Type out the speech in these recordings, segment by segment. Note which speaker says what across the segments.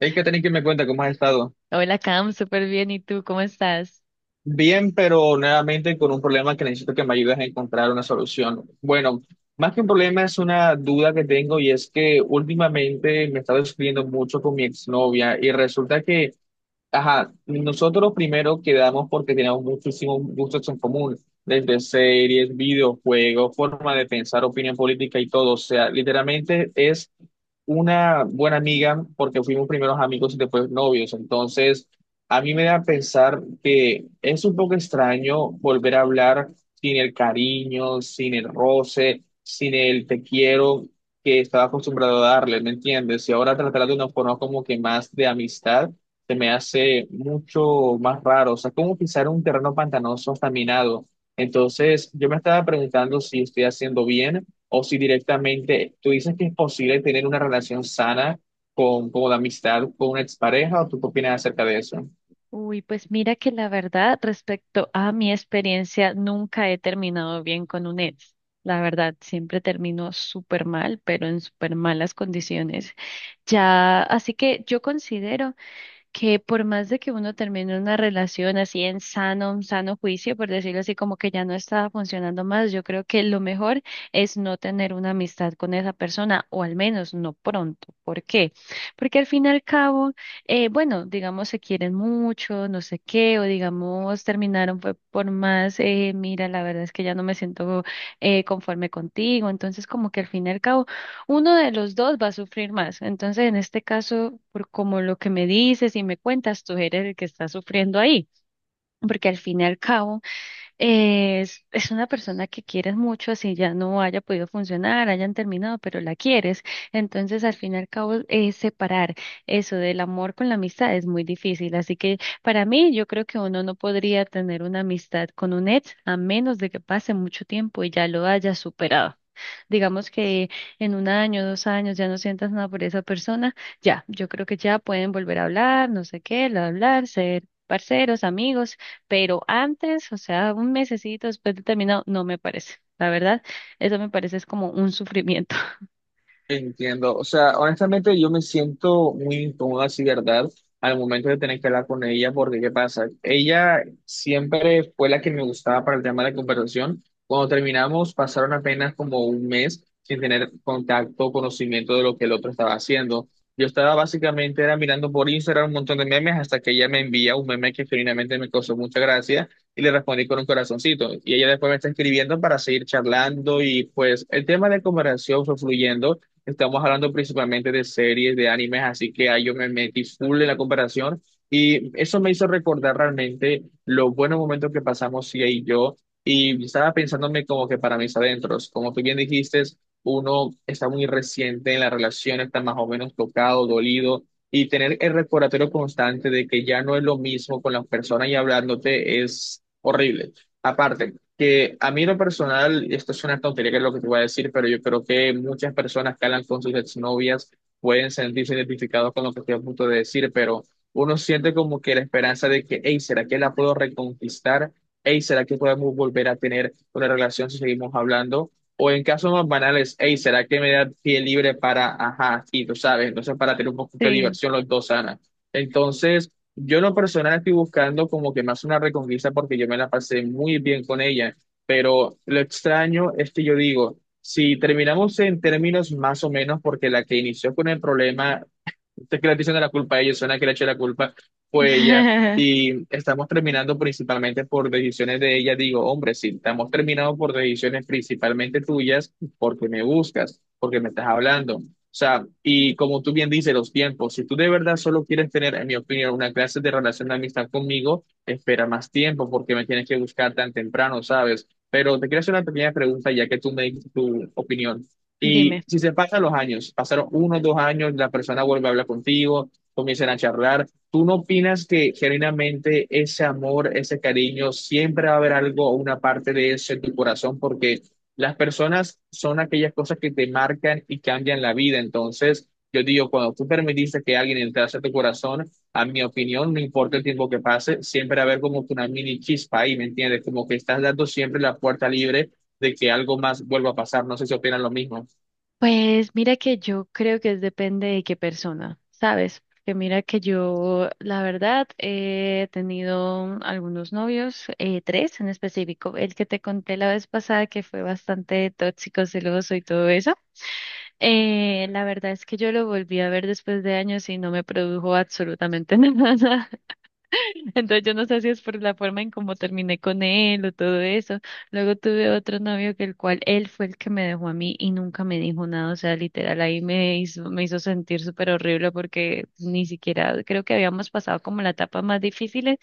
Speaker 1: Hay que tener que me cuenta cómo has estado.
Speaker 2: Hola Cam, súper bien. ¿Y tú cómo estás?
Speaker 1: Bien, pero nuevamente con un problema que necesito que me ayudes a encontrar una solución. Bueno, más que un problema es una duda que tengo y es que últimamente me he estado discutiendo mucho con mi exnovia y resulta que, ajá, nosotros primero quedamos porque teníamos muchísimos gustos en común, desde series, videojuegos, forma de pensar, opinión política y todo. O sea, literalmente es una buena amiga porque fuimos primeros amigos y después novios. Entonces, a mí me da a pensar que es un poco extraño volver a hablar sin el cariño, sin el roce, sin el te quiero que estaba acostumbrado a darle, ¿me entiendes? Y ahora tratar de una forma como que más de amistad se me hace mucho más raro. O sea, como pisar un terreno pantanoso hasta minado. Entonces, yo me estaba preguntando si estoy haciendo bien o si directamente tú dices que es posible tener una relación sana con la amistad, con una expareja, o tú qué opinas acerca de eso.
Speaker 2: Uy, pues mira que la verdad, respecto a mi experiencia, nunca he terminado bien con un ex. La verdad, siempre termino súper mal, pero en súper malas condiciones. Ya, así que yo considero que por más de que uno termine una relación así en sano, un sano juicio, por decirlo así, como que ya no estaba funcionando más, yo creo que lo mejor es no tener una amistad con esa persona, o al menos no pronto. ¿Por qué? Porque al fin y al cabo, bueno, digamos se quieren mucho, no sé qué, o digamos terminaron fue por más, mira, la verdad es que ya no me siento conforme contigo, entonces como que al fin y al cabo uno de los dos va a sufrir más. Entonces, en este caso, por como lo que me dices y me cuentas, tú eres el que está sufriendo ahí, porque al fin y al cabo es una persona que quieres mucho, así ya no haya podido funcionar, hayan terminado, pero la quieres. Entonces, al fin y al cabo, separar eso del amor con la amistad es muy difícil. Así que para mí, yo creo que uno no podría tener una amistad con un ex a menos de que pase mucho tiempo y ya lo haya superado. Digamos que en un año, 2 años ya no sientas nada por esa persona, ya, yo creo que ya pueden volver a hablar, no sé qué, hablar, ser parceros, amigos, pero antes, o sea, un mesecito después de terminado, no me parece, la verdad, eso me parece es como un sufrimiento.
Speaker 1: Entiendo, o sea, honestamente yo me siento muy incómoda, sí, ¿verdad? Al momento de tener que hablar con ella, porque ¿qué pasa? Ella siempre fue la que me gustaba para el tema de la conversación. Cuando terminamos, pasaron apenas como un mes sin tener contacto o conocimiento de lo que el otro estaba haciendo. Yo estaba básicamente era mirando por Instagram un montón de memes hasta que ella me envía un meme que finalmente me causó mucha gracia y le respondí con un corazoncito. Y ella después me está escribiendo para seguir charlando y pues el tema de conversación fue fluyendo. Estamos hablando principalmente de series, de animes, así que ahí yo me metí full en la comparación y eso me hizo recordar realmente los buenos momentos que pasamos Sia y yo y estaba pensándome como que para mis adentros, como tú bien dijiste, uno está muy reciente en la relación, está más o menos tocado, dolido y tener el recordatorio constante de que ya no es lo mismo con las personas y hablándote es horrible. Aparte, que a mí en lo personal, y esto es una tontería que es lo que te voy a decir, pero yo creo que muchas personas que hablan con sus exnovias pueden sentirse identificados con lo que estoy a punto de decir, pero uno siente como que la esperanza de que, hey, ¿será que la puedo reconquistar? Hey, ¿será que podemos volver a tener una relación si seguimos hablando? O en casos más banales, hey, ¿será que me da pie libre para, ajá, y tú sabes, entonces para tener un poquito de
Speaker 2: Sí.
Speaker 1: diversión los dos, Ana. Entonces, yo en lo personal estoy buscando como que más una reconquista porque yo me la pasé muy bien con ella, pero lo extraño es que yo digo, si terminamos en términos más o menos, porque la que inició con el problema entonces, que le estoy echando la culpa a ellos, suena que le eché la culpa fue ella. Y estamos terminando principalmente por decisiones de ella. Digo, hombre, sí, estamos terminando por decisiones principalmente tuyas, porque me buscas, porque me estás hablando. O sea, y como tú bien dices, los tiempos, si tú de verdad solo quieres tener, en mi opinión, una clase de relación de amistad conmigo, espera más tiempo, porque me tienes que buscar tan temprano, ¿sabes? Pero te quiero hacer una pequeña pregunta, ya que tú me dices tu opinión. Y
Speaker 2: Dime.
Speaker 1: si se pasan los años, pasaron uno, dos años, la persona vuelve a hablar contigo, comienzan a charlar. ¿Tú no opinas que genuinamente ese amor, ese cariño, siempre va a haber algo, una parte de eso en tu corazón? Porque las personas son aquellas cosas que te marcan y cambian la vida. Entonces, yo digo, cuando tú permitiste que alguien entrase a tu corazón, a mi opinión, no importa el tiempo que pase, siempre va a haber como que una mini chispa ahí, ¿me entiendes? Como que estás dando siempre la puerta libre de que algo más vuelva a pasar. No sé si opinan lo mismo.
Speaker 2: Pues mira que yo creo que depende de qué persona, ¿sabes? Que mira que yo, la verdad, he tenido algunos novios, tres en específico, el que te conté la vez pasada que fue bastante tóxico, celoso y todo eso. La verdad es que yo lo volví a ver después de años y no me produjo absolutamente nada. Entonces yo no sé si es por la forma en cómo terminé con él o todo eso. Luego tuve otro novio que el cual él fue el que me dejó a mí y nunca me dijo nada. O sea, literal ahí me hizo sentir súper horrible porque ni siquiera creo que habíamos pasado como la etapa más difícil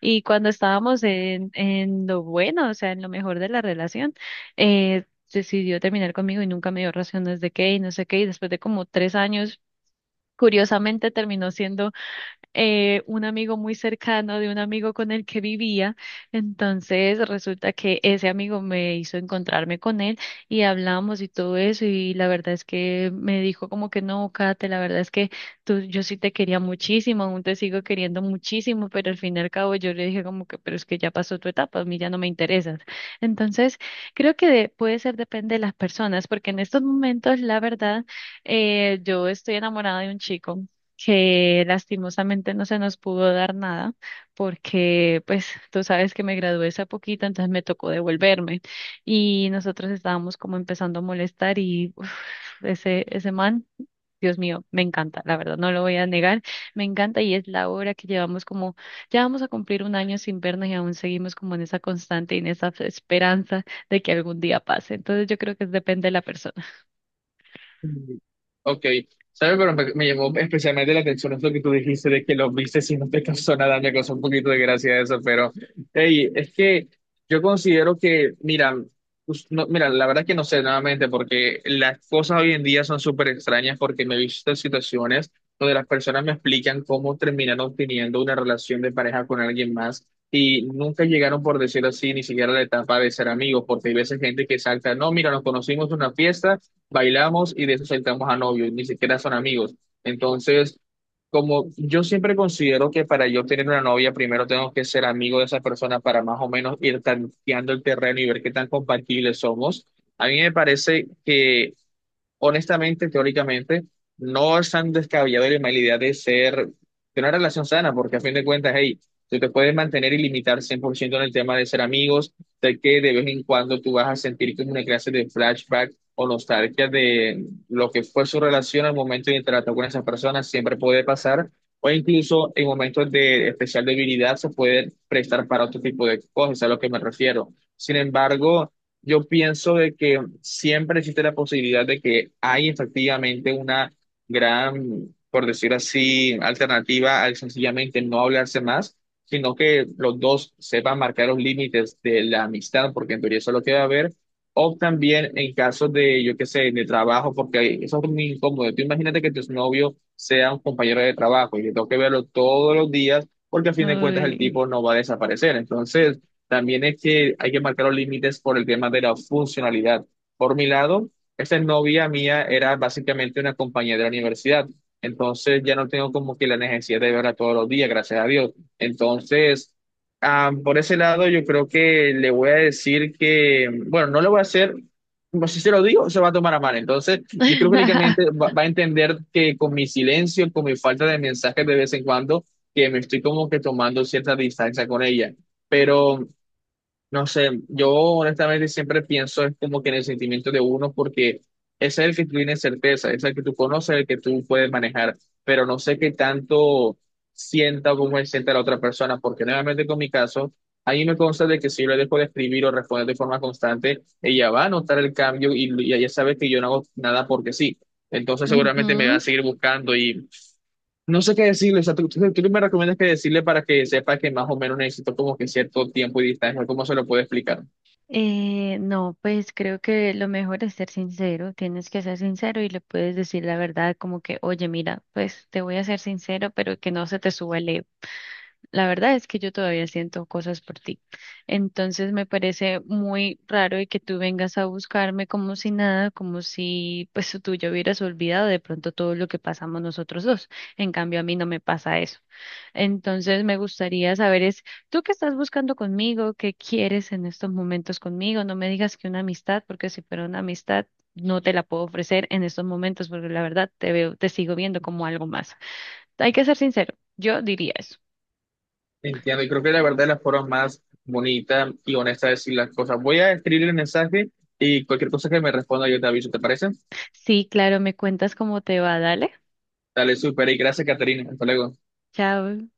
Speaker 2: y cuando estábamos en lo bueno, o sea, en lo mejor de la relación, eh, decidió terminar conmigo y nunca me dio razones de qué y no sé qué. Y después de como 3 años, curiosamente terminó siendo un amigo muy cercano de un amigo con el que vivía. Entonces resulta que ese amigo me hizo encontrarme con él y hablamos y todo eso y la verdad es que me dijo como que no, Kate, la verdad es que tú, yo sí te quería muchísimo, aún te sigo queriendo muchísimo, pero al fin y al cabo yo le dije como que, pero es que ya pasó tu etapa, a mí ya no me interesas. Entonces creo que puede ser depende de las personas porque en estos momentos la verdad yo estoy enamorada de un chico que lastimosamente no se nos pudo dar nada porque pues tú sabes que me gradué hace poquito, entonces me tocó devolverme y nosotros estábamos como empezando a molestar y uf, ese man, Dios mío, me encanta, la verdad, no lo voy a negar, me encanta y es la hora que llevamos como, ya vamos a cumplir un año sin vernos y aún seguimos como en esa constante y en esa esperanza de que algún día pase. Entonces yo creo que depende de la persona.
Speaker 1: Mm, ok, ¿sabes? Pero me llamó especialmente la atención es lo que tú dijiste de que lo viste si no te causó nada, me causó un poquito de gracia eso, pero hey, es que yo considero que, mira, pues, mira, la verdad que no sé nuevamente, porque las cosas hoy en día son súper extrañas porque me he visto en situaciones donde las personas me explican cómo terminaron teniendo una relación de pareja con alguien más. Y nunca llegaron, por decirlo así, ni siquiera a la etapa de ser amigos, porque hay veces gente que salta, no, mira, nos conocimos en una fiesta bailamos y de eso saltamos a novios, ni siquiera son amigos. Entonces, como yo siempre considero que para yo tener una novia, primero tengo que ser amigo de esa persona para más o menos ir tanteando el terreno y ver qué tan compatibles somos. A mí me parece que honestamente, teóricamente, no es tan descabellado la mala idea de ser, de una relación sana, porque a fin de cuentas, hey, tú te puedes mantener y limitar 100% en el tema de ser amigos, de que de vez en cuando tú vas a sentir como una clase de flashback o nostalgia de lo que fue su relación al momento de interactuar con esas personas, siempre puede pasar, o incluso en momentos de especial debilidad se puede prestar para otro tipo de cosas, a lo que me refiero. Sin embargo, yo pienso de que siempre existe la posibilidad de que hay efectivamente una gran, por decir así, alternativa al sencillamente no hablarse más, sino que los dos sepan marcar los límites de la amistad, porque en teoría eso es lo que va a haber, o también en casos de, yo qué sé, de trabajo, porque eso es muy incómodo. Tú imagínate que tu novio sea un compañero de trabajo y que tengo que verlo todos los días, porque a fin de cuentas el
Speaker 2: Uy.
Speaker 1: tipo no va a desaparecer. Entonces... También es que hay que marcar los límites por el tema de la funcionalidad. Por mi lado, esta novia mía era básicamente una compañera de la universidad. Entonces ya no tengo como que la necesidad de verla todos los días, gracias a Dios. Entonces, ah, por ese lado, yo creo que le voy a decir que, bueno, no lo voy a hacer, como si se lo digo, se va a tomar a mal. Entonces, yo creo que únicamente va a entender que con mi silencio, con mi falta de mensajes de vez en cuando, que me estoy como que tomando cierta distancia con ella. Pero no sé, yo honestamente siempre pienso es como que en el sentimiento de uno, porque ese es el que tú tienes certeza, es el que tú conoces, el que tú puedes manejar, pero no sé qué tanto sienta o cómo sienta la otra persona, porque nuevamente con mi caso, a mí me consta de que si yo le dejo de escribir o responder de forma constante, ella va a notar el cambio y ella sabe que yo no hago nada porque sí. Entonces seguramente me va
Speaker 2: Ujú.
Speaker 1: a seguir buscando y no sé qué decirle, o sea, tú me recomiendas que decirle para que sepa que más o menos necesito como que cierto tiempo y distancia, ¿no? ¿Cómo se lo puedo explicar?
Speaker 2: No, pues creo que lo mejor es ser sincero, tienes que ser sincero y le puedes decir la verdad como que, oye, mira, pues te voy a ser sincero, pero que no se te suba el ego. La verdad es que yo todavía siento cosas por ti. Entonces me parece muy raro y que tú vengas a buscarme como si nada, como si pues tú ya hubieras olvidado de pronto todo lo que pasamos nosotros dos. En cambio, a mí no me pasa eso. Entonces me gustaría saber es, ¿tú qué estás buscando conmigo? ¿Qué quieres en estos momentos conmigo? No me digas que una amistad, porque si fuera una amistad, no te la puedo ofrecer en estos momentos, porque la verdad te veo, te sigo viendo como algo más. Hay que ser sincero, yo diría eso.
Speaker 1: Entiendo, y creo que la verdad es la forma más bonita y honesta de decir las cosas. Voy a escribir el mensaje y cualquier cosa que me responda yo te aviso, ¿te parece?
Speaker 2: Sí, claro, me cuentas cómo te va, dale.
Speaker 1: Dale, súper, y gracias, Caterina, hasta luego.
Speaker 2: Chao.